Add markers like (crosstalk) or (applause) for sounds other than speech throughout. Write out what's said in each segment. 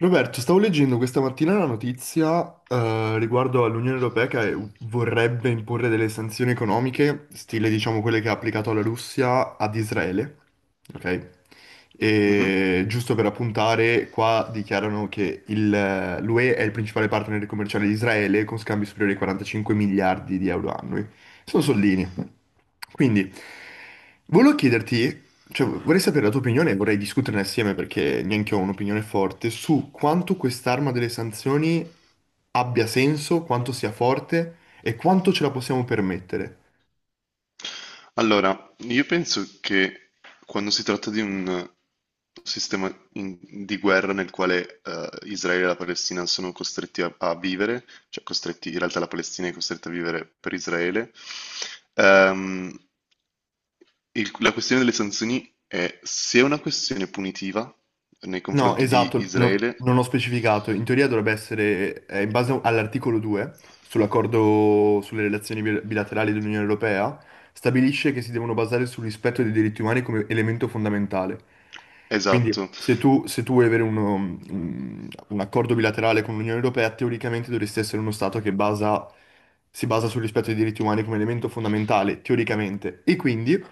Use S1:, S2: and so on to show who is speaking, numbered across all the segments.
S1: Roberto, stavo leggendo questa mattina una notizia riguardo all'Unione Europea che vorrebbe imporre delle sanzioni economiche, stile diciamo quelle che ha applicato la Russia ad Israele, ok?
S2: Mhm.
S1: E giusto per appuntare, qua dichiarano che l'UE è il principale partner commerciale di Israele con scambi superiori ai 45 miliardi di euro annui. Sono soldini. Quindi, volevo chiederti cioè, vorrei sapere la tua opinione e vorrei discuterne assieme perché neanche io ho un'opinione forte su quanto quest'arma delle sanzioni abbia senso, quanto sia forte e quanto ce la possiamo permettere.
S2: Allora, io penso che quando si tratta di un sistema in- di guerra nel quale Israele e la Palestina sono costretti a vivere, cioè costretti, in realtà la Palestina è costretta a vivere per Israele, ehm, la questione delle sanzioni è se è una questione punitiva nei
S1: No,
S2: confronti di
S1: esatto,
S2: Israele,
S1: non ho specificato. In teoria dovrebbe essere, in base all'articolo 2 sull'accordo sulle relazioni bilaterali dell'Unione Europea, stabilisce che si devono basare sul rispetto dei diritti umani come elemento fondamentale. Quindi
S2: esatto,
S1: se tu vuoi avere un accordo bilaterale con l'Unione Europea, teoricamente dovresti essere uno Stato che si basa sul rispetto dei diritti umani come elemento fondamentale, teoricamente. E quindi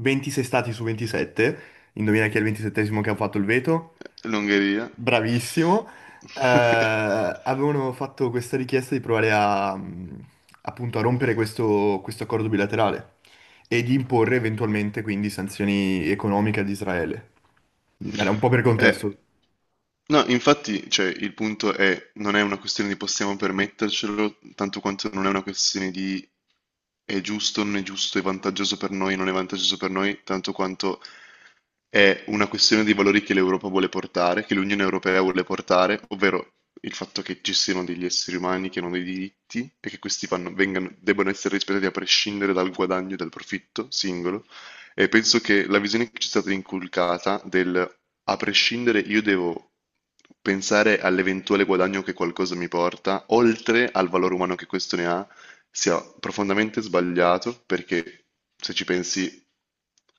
S1: 26 Stati su 27, indovina chi è il 27esimo che ha fatto il veto?
S2: l'Ungheria.
S1: Bravissimo.
S2: (laughs)
S1: Avevano fatto questa richiesta di provare a, appunto, a rompere questo accordo bilaterale e di imporre eventualmente quindi sanzioni economiche ad Israele. Era un po' per
S2: Eh,
S1: contesto.
S2: No, infatti, cioè, il punto è, non è una questione di possiamo permettercelo, tanto quanto non è una questione di è giusto, non è giusto, è vantaggioso per noi, non è vantaggioso per noi, tanto quanto è una questione di valori che l'Europa vuole portare, che l'Unione Europea vuole portare, ovvero il fatto che ci siano degli esseri umani che hanno dei diritti e che questi debbano essere rispettati a prescindere dal guadagno e dal profitto singolo, e penso che la visione che ci è stata inculcata del a prescindere io devo pensare all'eventuale guadagno che qualcosa mi porta, oltre al valore umano che questo ne ha, sia profondamente sbagliato perché se ci pensi,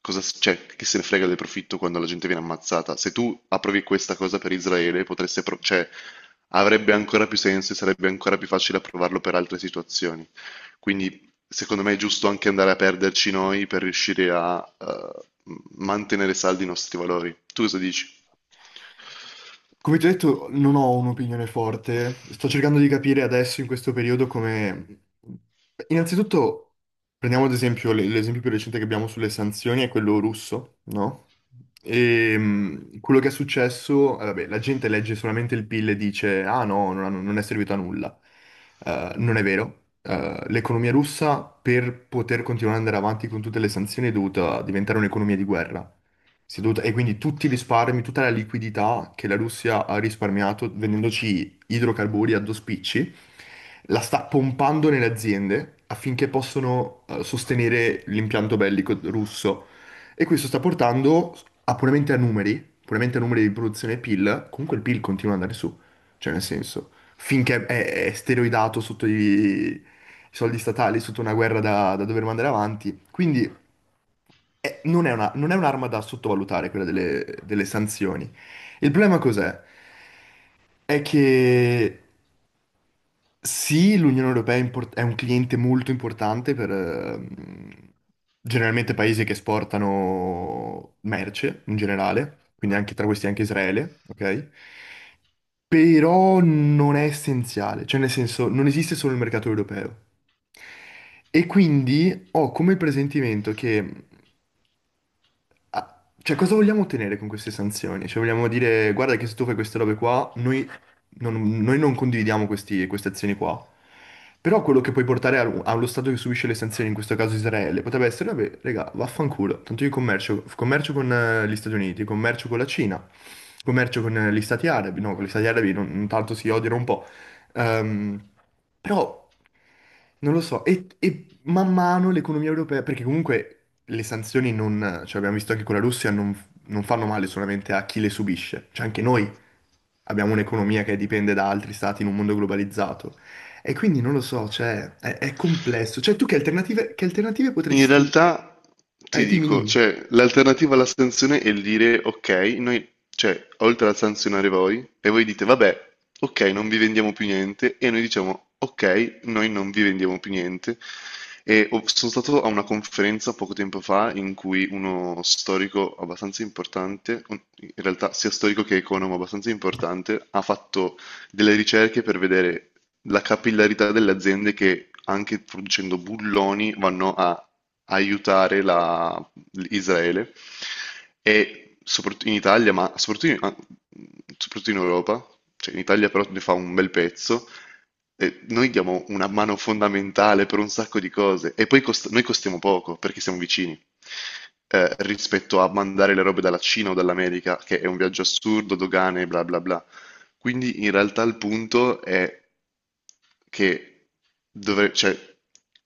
S2: cioè, chi se ne frega del profitto quando la gente viene ammazzata? Se tu approvi questa cosa per Israele, cioè, avrebbe ancora più senso e sarebbe ancora più facile approvarlo per altre situazioni. Quindi secondo me è giusto anche andare a perderci noi per riuscire a mantenere saldi i nostri valori. Tu cosa dici?
S1: Come ti ho detto, non ho un'opinione forte. Sto cercando di capire adesso, in questo periodo, come... Innanzitutto, prendiamo ad esempio l'esempio più recente che abbiamo sulle sanzioni, è quello russo, no? E quello che è successo, vabbè, la gente legge solamente il PIL e dice, ah no, non, non è servito a nulla. Non è vero. L'economia russa, per poter continuare ad andare avanti con tutte le sanzioni, è dovuta diventare un'economia di guerra. E quindi tutti i risparmi, tutta la liquidità che la Russia ha risparmiato vendendoci idrocarburi a due spicci, la sta pompando nelle aziende affinché possano sostenere l'impianto bellico russo. E questo sta portando a puramente a numeri di produzione PIL, comunque il PIL continua ad andare su, cioè nel senso, finché è steroidato sotto i soldi statali, sotto una guerra da dover mandare avanti. Quindi non è un'arma da sottovalutare quella delle, delle sanzioni. Il problema cos'è? È che sì, l'Unione Europea è un cliente molto importante per generalmente paesi che esportano merce in generale, quindi anche tra questi anche Israele, ok? Però non è essenziale, cioè nel senso non esiste solo il mercato europeo. E quindi ho come presentimento che Ah, cioè, cosa vogliamo ottenere con queste sanzioni? Cioè, vogliamo dire, guarda che se tu fai queste robe qua, noi non condividiamo queste azioni qua. Però quello che puoi portare allo Stato che subisce le sanzioni, in questo caso Israele, potrebbe essere, vabbè, raga, vaffanculo. Tanto io commercio con gli Stati Uniti, commercio con la Cina, commercio con gli Stati Arabi. No, con gli Stati Arabi non tanto si odiano un po'. Ehm, però, non lo so. E man mano l'economia europea, perché comunque le sanzioni non, cioè abbiamo visto anche con la Russia, non, non fanno male solamente a chi le subisce, cioè anche noi abbiamo un'economia che dipende da altri stati in un mondo globalizzato. E quindi non lo so, è complesso. Cioè tu che alternative
S2: In
S1: potresti...
S2: realtà ti
S1: Dimmi,
S2: dico,
S1: dimmi.
S2: cioè, l'alternativa alla sanzione è il dire ok, noi, cioè, oltre a sanzionare voi, e voi dite vabbè, ok, non vi vendiamo più niente, e noi diciamo ok, noi non vi vendiamo più niente. Sono stato a una conferenza poco tempo fa in cui uno storico abbastanza importante, in realtà sia storico che economo abbastanza importante, ha fatto delle ricerche per vedere la capillarità delle aziende che anche producendo bulloni vanno a aiutare la- Israele e soprattutto in Italia, ma soprattutto in soprattutto in Europa, cioè in Italia però ne fa un bel pezzo. E noi diamo una mano fondamentale per un sacco di cose e poi noi costiamo poco perché siamo vicini rispetto a mandare le robe dalla Cina o dall'America, che è un viaggio assurdo, dogane, bla bla bla. Quindi in realtà il punto è che cioè,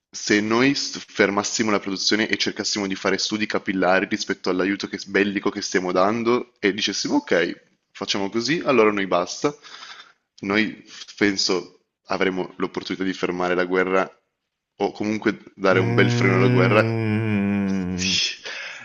S2: se noi fermassimo la produzione e cercassimo di fare studi capillari rispetto bellico che stiamo dando e dicessimo ok, facciamo così, allora noi basta, noi penso avremo l'opportunità di fermare la guerra o comunque dare un bel freno alla guerra.
S1: Mm,
S2: Sì,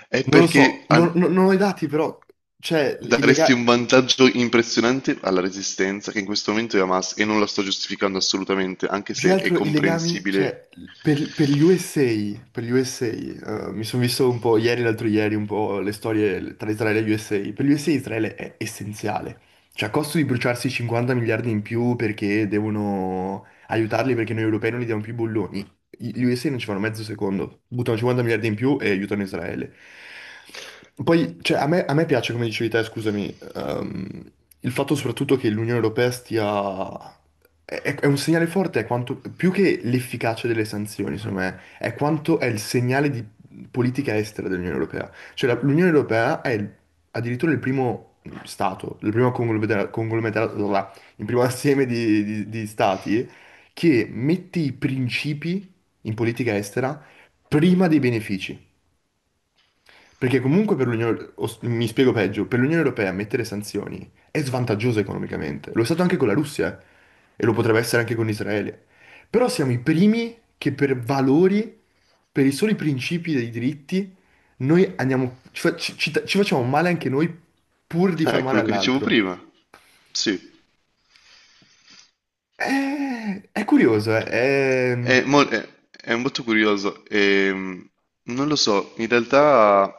S2: È
S1: non lo
S2: perché
S1: so.
S2: al-
S1: Non ho i dati, però, cioè, il
S2: daresti
S1: legale.
S2: un vantaggio impressionante alla Resistenza, che in questo momento è Hamas, e non la sto giustificando assolutamente, anche
S1: Più che
S2: se è
S1: altro i legami,
S2: comprensibile.
S1: cioè, per gli USA, per gli USA, mi sono visto un po' ieri, l'altro ieri, un po' le storie tra Israele e gli USA. Per gli USA Israele è essenziale. Cioè, a costo di bruciarsi 50 miliardi in più perché devono aiutarli perché noi europei non gli diamo più i bolloni. Gli USA non ci fanno mezzo secondo, buttano 50 miliardi in più e aiutano Israele. Poi, cioè, a me piace, come dicevi te, scusami, ehm, il fatto soprattutto che l'Unione Europea stia... è un segnale forte, è quanto, più che l'efficacia delle sanzioni, secondo me, è quanto è il segnale di politica estera dell'Unione Europea. Cioè l'Unione Europea è addirittura il primo stato, il primo conglomerato, là, il primo assieme di, di stati che mette i principi in politica estera prima dei benefici. Perché comunque per l'Unione, mi spiego peggio, per l'Unione Europea mettere sanzioni è svantaggioso economicamente. Lo è stato anche con la Russia e lo potrebbe essere anche con Israele. Però siamo i primi che per valori, per i soli principi dei diritti, noi andiamo, ci facciamo male anche noi pur di far male
S2: Quello che dicevo
S1: all'altro.
S2: prima. Sì,
S1: È curioso,
S2: è, è molto curioso. Non lo so, in realtà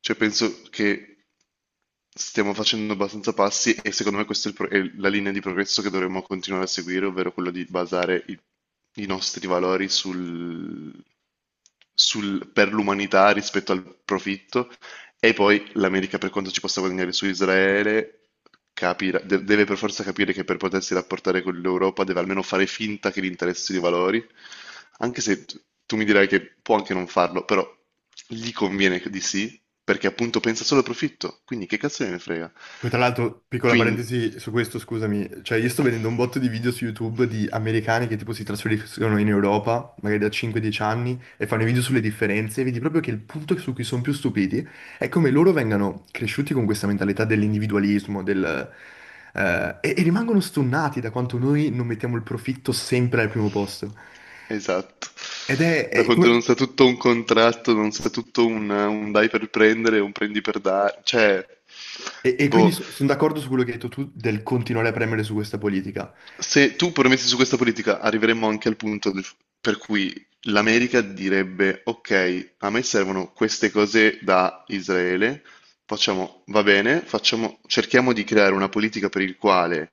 S2: cioè, penso che stiamo facendo abbastanza passi e secondo me questa è, è la linea di progresso che dovremmo continuare a seguire, ovvero quella di basare i nostri valori per l'umanità rispetto al profitto e poi l'America per quanto ci possa guadagnare su Israele, deve per forza capire che per potersi rapportare con l'Europa deve almeno fare finta che gli interessi i valori, anche se tu mi dirai che può anche non farlo, però gli conviene di sì, perché appunto pensa solo al profitto, quindi che cazzo ne frega?
S1: poi tra l'altro, piccola
S2: Quindi...
S1: parentesi su questo, scusami, cioè io sto vedendo un botto di video su YouTube di americani che tipo si trasferiscono in Europa, magari da 5-10 anni, e fanno i video sulle differenze, e vedi proprio che il punto su cui sono più stupiti è come loro vengano cresciuti con questa mentalità dell'individualismo, e rimangono stonnati da quanto noi non mettiamo il profitto sempre al primo posto.
S2: Esatto.
S1: Ed
S2: Da
S1: è
S2: quando non
S1: come-
S2: sa tutto un contratto, non sa tutto un dai per prendere, un prendi per dare, cioè,
S1: e quindi
S2: boh.
S1: sono d'accordo su quello che hai detto tu del continuare a premere su questa politica.
S2: Se tu permetti su questa politica, arriveremmo anche per cui l'America direbbe: Ok, a me servono queste cose da Israele, facciamo, va bene, facciamo, cerchiamo di creare una politica per il quale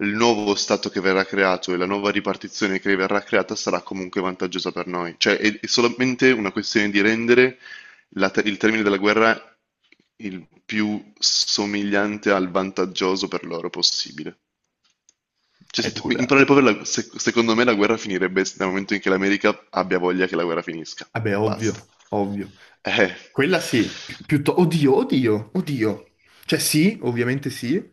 S2: il nuovo Stato che verrà creato e la nuova ripartizione che verrà creata sarà comunque vantaggiosa per noi. Cioè, è solamente una questione di rendere il termine della guerra il più somigliante al vantaggioso per loro possibile. Cioè,
S1: È
S2: se tu- in
S1: dura.
S2: parole povere, secondo me la guerra finirebbe dal momento in che l'America abbia voglia che la guerra finisca.
S1: Vabbè,
S2: Basta.
S1: ovvio, ovvio.
S2: Eh,
S1: Quella sì, oddio, oddio, oddio. Cioè sì, ovviamente sì,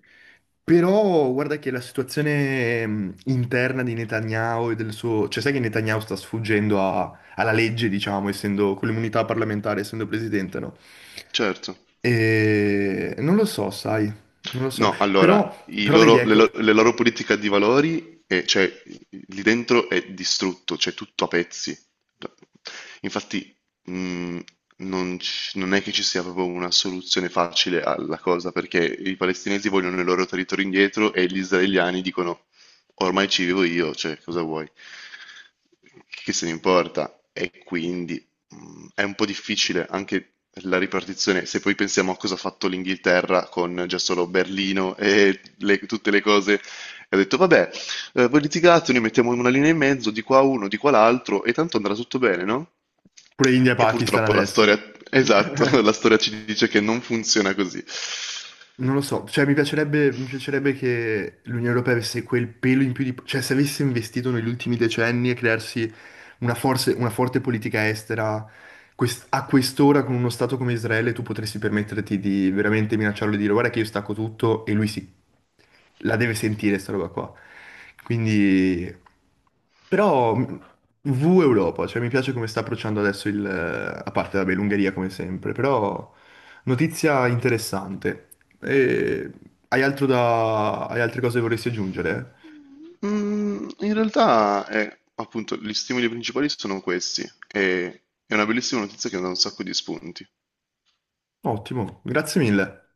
S1: però guarda che la situazione interna di Netanyahu e del suo... Cioè sai che Netanyahu sta sfuggendo alla legge, diciamo, essendo con l'immunità parlamentare, essendo presidente, no?
S2: certo.
S1: E... Non lo so, sai, non lo so.
S2: No, allora, i
S1: Però vedi,
S2: loro- le,
S1: ecco,
S2: lo- le loro politiche di valori, cioè, lì dentro è distrutto, c'è tutto a pezzi. Infatti, mh, non è che ci sia proprio una soluzione facile alla cosa, perché i palestinesi vogliono il loro territorio indietro e gli israeliani dicono, ormai ci vivo io, cioè, cosa vuoi? Che se ne importa? E quindi mhmm, è un po' difficile anche la ripartizione, se poi pensiamo a cosa ha fatto l'Inghilterra con già solo Berlino e tutte le cose, ha detto vabbè, voi litigate, noi mettiamo una linea in mezzo, di qua uno, di qua l'altro, e tanto andrà tutto bene, no?
S1: pure India e
S2: E
S1: Pakistan
S2: purtroppo la
S1: adesso.
S2: storia, esatto, (laughs) la
S1: (laughs)
S2: storia ci dice che non funziona così.
S1: Non lo so, cioè mi piacerebbe che l'Unione Europea avesse quel pelo in più di... cioè se avesse investito negli ultimi decenni e crearsi una, una forte politica estera, a quest'ora con uno Stato come Israele tu potresti permetterti di veramente minacciarlo e dire guarda che io stacco tutto e lui si... la deve sentire sta roba qua. Quindi... Però V Europa, cioè mi piace come sta approcciando adesso il... a parte vabbè l'Ungheria come sempre, però... Notizia interessante. E hai altro da... hai altre cose che vorresti aggiungere?
S2: Mm, in realtà, appunto, gli stimoli principali sono questi, e è una bellissima notizia che dà un sacco di spunti.
S1: Ottimo, grazie mille.